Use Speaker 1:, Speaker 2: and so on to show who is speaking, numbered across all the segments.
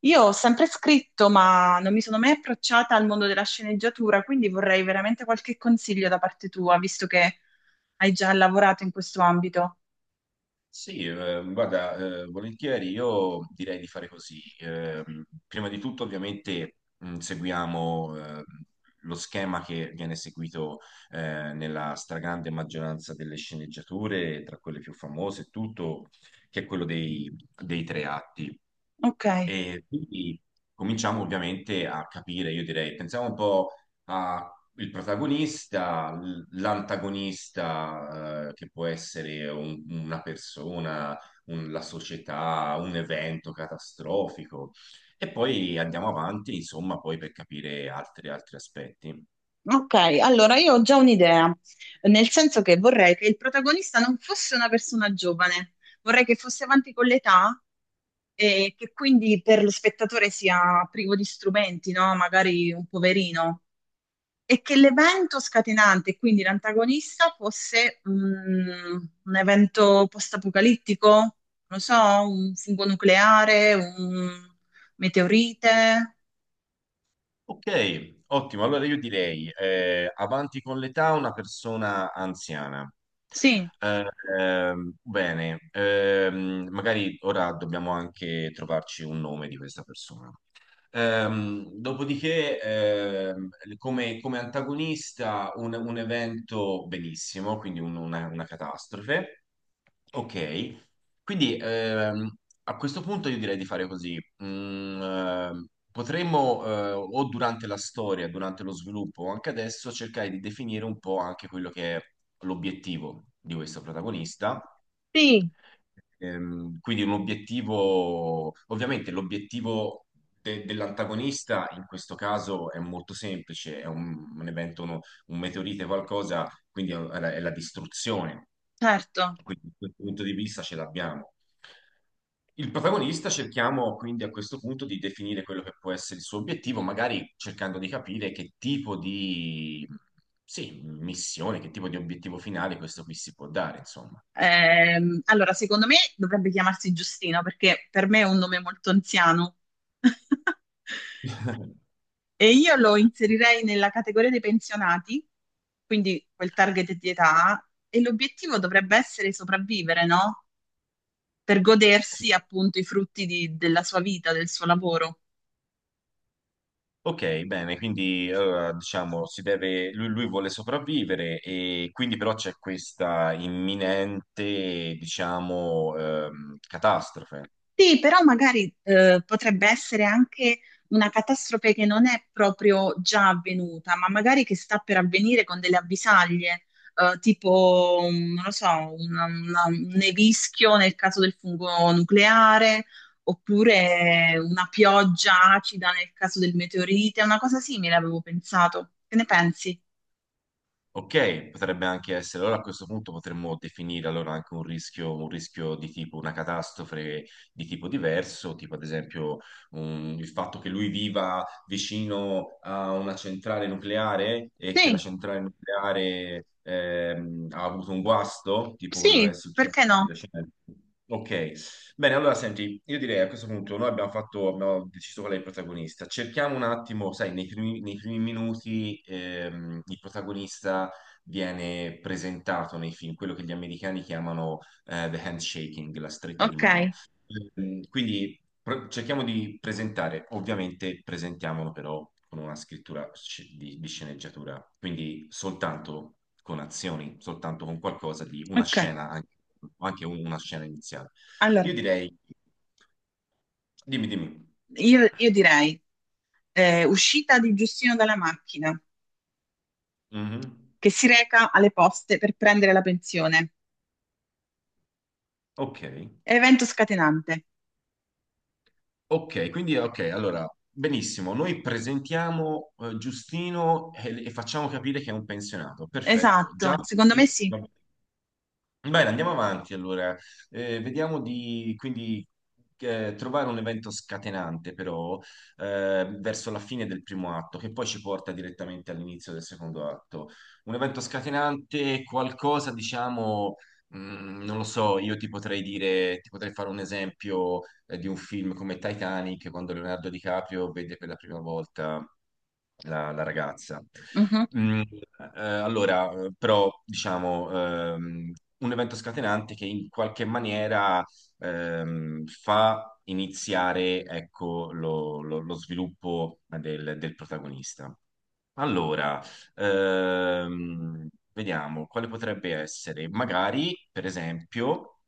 Speaker 1: Io ho sempre scritto, ma non mi sono mai approcciata al mondo della sceneggiatura, quindi vorrei veramente qualche consiglio da parte tua, visto che hai già lavorato in questo ambito.
Speaker 2: Sì, guarda, volentieri io direi di fare così. Prima di tutto, ovviamente, seguiamo lo schema che viene seguito nella stragrande maggioranza delle sceneggiature, tra quelle più famose e tutto, che è quello dei tre atti.
Speaker 1: Ok,
Speaker 2: E quindi cominciamo ovviamente a capire, io direi, pensiamo un po' al protagonista, l'antagonista, che può essere una persona, la società, un evento catastrofico, e poi andiamo avanti, insomma, poi per capire altri aspetti.
Speaker 1: ok, allora io ho già un'idea, nel senso che vorrei che il protagonista non fosse una persona giovane, vorrei che fosse avanti con l'età e che quindi per lo spettatore sia privo di strumenti, no? Magari un poverino. E che l'evento scatenante, quindi l'antagonista, fosse un evento post-apocalittico, non lo so, un fungo nucleare, un meteorite.
Speaker 2: Ok, ottimo. Allora io direi, avanti con l'età, una persona anziana.
Speaker 1: Sì.
Speaker 2: Eh, bene, magari ora dobbiamo anche trovarci un nome di questa persona. Dopodiché, come, come antagonista, un evento benissimo, quindi una catastrofe. Ok, quindi a questo punto io direi di fare così. Mm, potremmo, o durante la storia, durante lo sviluppo, o anche adesso, cercare di definire un po' anche quello che è l'obiettivo di questo protagonista.
Speaker 1: Sì,
Speaker 2: Quindi un obiettivo, ovviamente l'obiettivo dell'antagonista in questo caso è molto semplice, è un evento, un meteorite, qualcosa quindi è la distruzione.
Speaker 1: certo.
Speaker 2: Quindi da questo punto di vista ce l'abbiamo. Il protagonista cerchiamo quindi a questo punto di definire quello che può essere il suo obiettivo, magari cercando di capire che tipo di, sì, missione, che tipo di obiettivo finale questo qui si può dare, insomma.
Speaker 1: Allora, secondo me dovrebbe chiamarsi Giustino perché per me è un nome molto anziano. E io lo inserirei nella categoria dei pensionati, quindi quel target di età, e l'obiettivo dovrebbe essere sopravvivere, no? Per godersi appunto i della sua vita, del suo lavoro.
Speaker 2: Ok, bene, quindi diciamo si deve, lui vuole sopravvivere e quindi però c'è questa imminente, diciamo, catastrofe.
Speaker 1: Sì, però magari potrebbe essere anche una catastrofe che non è proprio già avvenuta, ma magari che sta per avvenire con delle avvisaglie, tipo, non lo so, un nevischio nel caso del fungo nucleare, oppure una pioggia acida nel caso del meteorite, una cosa simile avevo pensato. Che ne pensi?
Speaker 2: Ok, potrebbe anche essere, allora a questo punto potremmo definire allora anche un rischio di tipo una catastrofe di tipo diverso, tipo ad esempio il fatto che lui viva vicino a una centrale nucleare e che la
Speaker 1: Sì,
Speaker 2: centrale nucleare ha avuto un guasto, tipo quello che
Speaker 1: sì,
Speaker 2: è
Speaker 1: perché
Speaker 2: successo di
Speaker 1: no?
Speaker 2: recente. Ok, bene, allora senti, io direi a questo punto noi abbiamo fatto, abbiamo deciso qual è il protagonista. Cerchiamo un attimo, sai, nei primi minuti il protagonista viene presentato nei film, quello che gli americani chiamano the handshaking, la stretta di
Speaker 1: Ok,
Speaker 2: mano. Mm, Quindi cerchiamo di presentare, ovviamente presentiamolo però con una scrittura di sceneggiatura, quindi soltanto con azioni, soltanto con qualcosa di una
Speaker 1: ok.
Speaker 2: scena, anche, anche una scena iniziale.
Speaker 1: Allora,
Speaker 2: Io direi, dimmi, dimmi.
Speaker 1: io direi uscita di Giustino dalla macchina,
Speaker 2: Mhm.
Speaker 1: che si reca alle poste per prendere la pensione.
Speaker 2: Ok.
Speaker 1: Evento scatenante.
Speaker 2: Ok, quindi ok, allora, benissimo, noi presentiamo Giustino e facciamo capire che è un pensionato, perfetto, già.
Speaker 1: Esatto, secondo
Speaker 2: Sì,
Speaker 1: me sì.
Speaker 2: va bene. Bene, andiamo avanti allora, vediamo di quindi trovare un evento scatenante però verso la fine del primo atto che poi ci porta direttamente all'inizio del secondo atto. Un evento scatenante, qualcosa diciamo, mm, non lo so, io ti potrei dire, ti potrei fare un esempio di un film come Titanic, quando Leonardo DiCaprio vede per la prima volta la, la ragazza.
Speaker 1: Mhm.
Speaker 2: Mm, allora, però, diciamo, ehm, un evento scatenante che in qualche maniera fa iniziare, ecco, lo, lo sviluppo del protagonista. Allora, vediamo quale potrebbe essere. Magari, per esempio,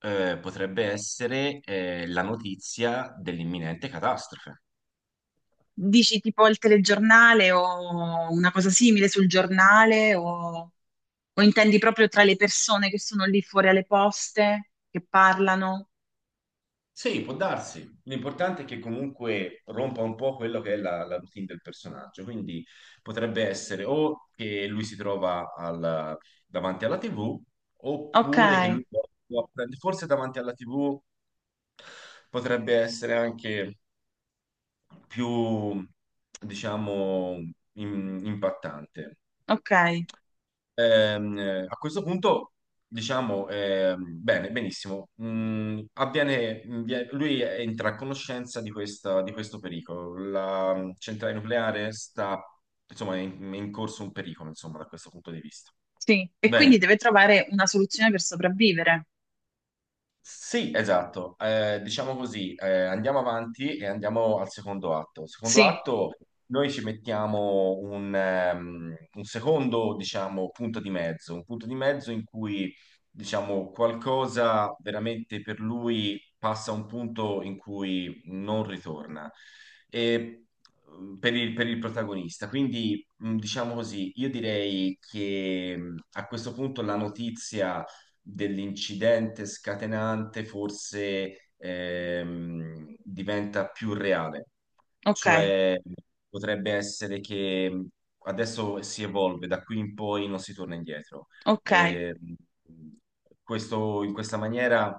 Speaker 2: potrebbe essere la notizia dell'imminente catastrofe.
Speaker 1: Dici tipo il telegiornale o una cosa simile sul giornale, o intendi proprio tra le persone che sono lì fuori alle poste, che parlano?
Speaker 2: Sì, può darsi. L'importante è che comunque rompa un po' quello che è la, la routine del personaggio, quindi potrebbe essere o che lui si trova davanti alla TV,
Speaker 1: Ok,
Speaker 2: oppure che può forse davanti alla TV potrebbe essere anche più, diciamo, impattante.
Speaker 1: ok,
Speaker 2: A questo punto, diciamo, bene, benissimo. Mm, avviene, lui entra a conoscenza di di questo pericolo. La mm, centrale nucleare sta, insomma, è in corso un pericolo, insomma, da questo punto di vista.
Speaker 1: sì. E quindi
Speaker 2: Bene.
Speaker 1: deve trovare una soluzione per sopravvivere.
Speaker 2: Sì, esatto. Diciamo così, andiamo avanti e andiamo al secondo atto. Al secondo
Speaker 1: Sì,
Speaker 2: atto noi ci mettiamo un secondo, diciamo, punto di mezzo, un punto di mezzo in cui, diciamo, qualcosa veramente per lui passa a un punto in cui non ritorna. E mm, per il protagonista. Quindi, mm, diciamo così, io direi che mm, a questo punto la notizia dell'incidente scatenante forse diventa più reale.
Speaker 1: ok,
Speaker 2: Cioè, potrebbe essere che mhmm, adesso si evolve, da qui in poi non si torna indietro.
Speaker 1: ok.
Speaker 2: Eh, in questa maniera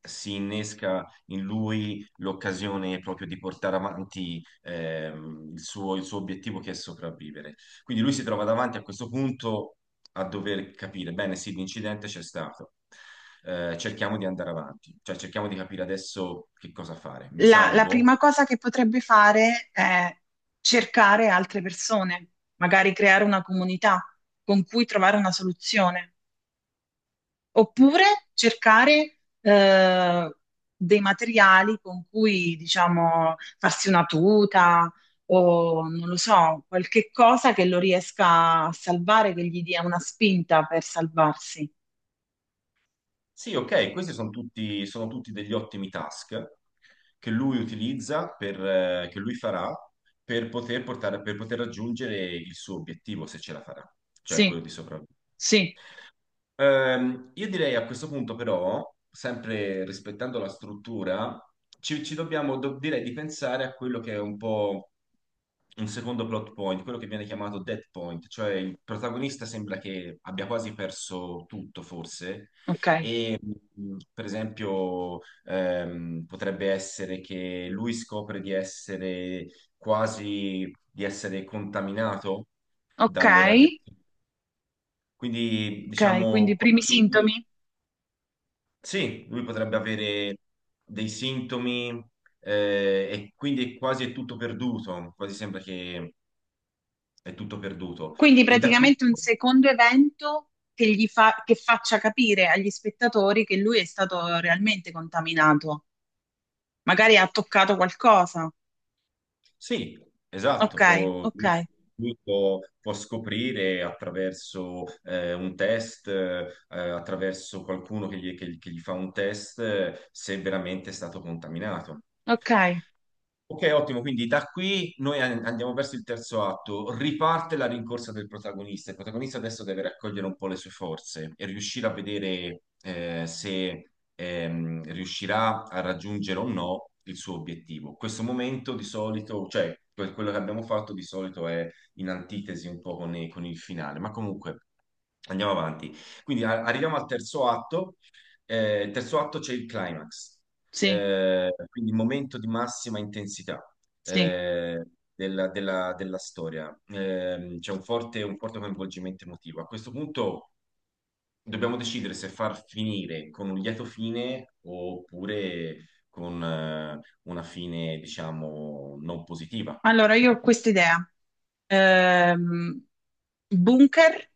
Speaker 2: si innesca in lui l'occasione proprio di portare avanti il suo obiettivo che è sopravvivere. Quindi lui si trova davanti a questo punto a dover capire, bene, sì, l'incidente c'è stato. Cerchiamo di andare avanti, cioè cerchiamo di capire adesso che cosa fare. Mi
Speaker 1: La
Speaker 2: salvo?
Speaker 1: prima cosa che potrebbe fare è cercare altre persone, magari creare una comunità con cui trovare una soluzione, oppure cercare dei materiali con cui, diciamo, farsi una tuta o non lo so, qualche cosa che lo riesca a salvare, che gli dia una spinta per salvarsi.
Speaker 2: Sì, ok, questi sono tutti degli ottimi task che lui utilizza, per, che lui farà per poter portare, per poter raggiungere il suo obiettivo, se ce la farà, cioè
Speaker 1: Sì,
Speaker 2: quello di sopravvivere.
Speaker 1: sì,
Speaker 2: Io direi a questo punto però, sempre rispettando la struttura, ci, ci dobbiamo, direi di pensare a quello che è un po' un secondo plot point, quello che viene chiamato dead point, cioè il protagonista sembra che abbia quasi perso tutto, forse,
Speaker 1: ok.
Speaker 2: e per esempio potrebbe essere che lui scopre di essere quasi, di essere contaminato
Speaker 1: Ok,
Speaker 2: dalle radiazioni. Quindi,
Speaker 1: ok, quindi
Speaker 2: diciamo,
Speaker 1: i primi
Speaker 2: quando
Speaker 1: sintomi?
Speaker 2: sì, lui potrebbe avere dei sintomi e quindi quasi è tutto perduto, quasi sembra che è tutto perduto.
Speaker 1: Quindi
Speaker 2: E da qui,
Speaker 1: praticamente un secondo evento che gli fa, che faccia capire agli spettatori che lui è stato realmente contaminato. Magari ha toccato qualcosa.
Speaker 2: sì, esatto,
Speaker 1: Ok, ok,
Speaker 2: lui può, può scoprire attraverso un test, attraverso qualcuno che gli, che che gli fa un test, se veramente è stato contaminato.
Speaker 1: ok.
Speaker 2: Ok, ottimo, quindi da qui noi andiamo verso il terzo atto, riparte la rincorsa del protagonista, il protagonista adesso deve raccogliere un po' le sue forze e riuscire a vedere se riuscirà a raggiungere o no il suo obiettivo. Questo momento di solito, cioè quello che abbiamo fatto di solito è in antitesi un po' con, con il finale, ma comunque andiamo avanti. Quindi arriviamo al terzo atto, il terzo atto c'è il climax.
Speaker 1: Sì,
Speaker 2: Quindi momento di massima intensità
Speaker 1: sì.
Speaker 2: eh, della, della storia. C'è un forte coinvolgimento emotivo. A questo punto dobbiamo decidere se far finire con un lieto fine oppure con una fine, diciamo, non positiva.
Speaker 1: Allora io ho questa idea. Ehm, Bunker,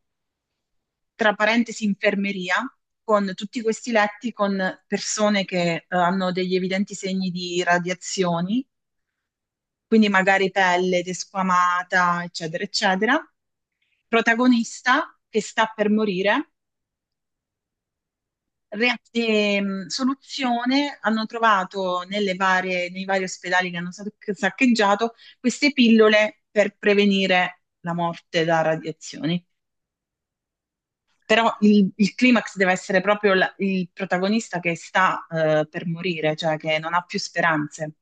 Speaker 1: tra parentesi infermeria, con tutti questi letti con persone che hanno degli evidenti segni di radiazioni, quindi magari pelle desquamata, eccetera, eccetera, protagonista che sta per morire, soluzione hanno trovato nelle nei vari ospedali che hanno saccheggiato queste pillole per prevenire la morte da radiazioni. Però il climax deve essere proprio il protagonista che sta per morire, cioè che non ha più speranze.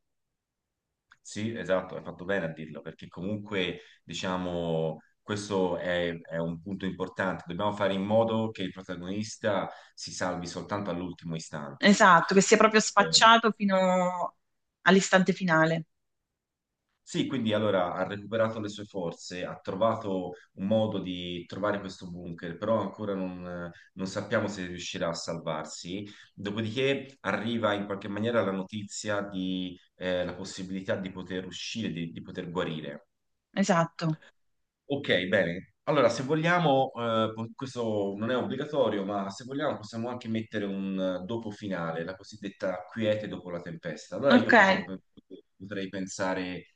Speaker 2: Sì, esatto, hai fatto bene a dirlo, perché comunque, diciamo, questo è un punto importante. Dobbiamo fare in modo che il protagonista si salvi soltanto all'ultimo istante.
Speaker 1: Esatto, che si è proprio
Speaker 2: Eh,
Speaker 1: spacciato fino all'istante finale.
Speaker 2: Sì, quindi allora ha recuperato le sue forze, ha trovato un modo di trovare questo bunker, però ancora non, non sappiamo se riuscirà a salvarsi. Dopodiché arriva in qualche maniera la notizia di la possibilità di poter uscire, di poter guarire.
Speaker 1: Esatto.
Speaker 2: Ok, bene. Allora, se vogliamo, questo non è obbligatorio, ma se vogliamo possiamo anche mettere un dopo finale, la cosiddetta quiete dopo la tempesta. Allora io
Speaker 1: Ok.
Speaker 2: potrei pensare,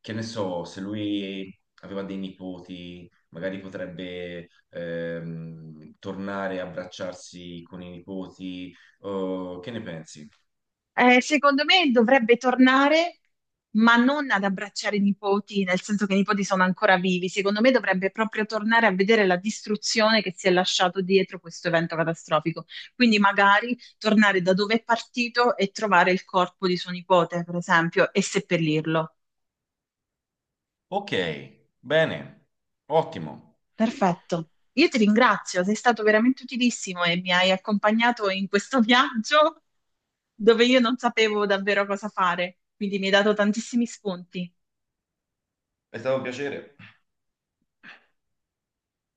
Speaker 2: che ne so, se lui aveva dei nipoti, magari potrebbe tornare a abbracciarsi con i nipoti. Che ne pensi?
Speaker 1: Secondo me dovrebbe tornare, ma non ad abbracciare i nipoti, nel senso che i nipoti sono ancora vivi. Secondo me dovrebbe proprio tornare a vedere la distruzione che si è lasciato dietro questo evento catastrofico. Quindi magari tornare da dove è partito e trovare il corpo di suo nipote, per esempio, e seppellirlo.
Speaker 2: Ok, bene, ottimo.
Speaker 1: Perfetto. Io ti ringrazio, sei stato veramente utilissimo e mi hai accompagnato in questo viaggio dove io non sapevo davvero cosa fare, quindi mi hai dato tantissimi spunti.
Speaker 2: È stato un piacere.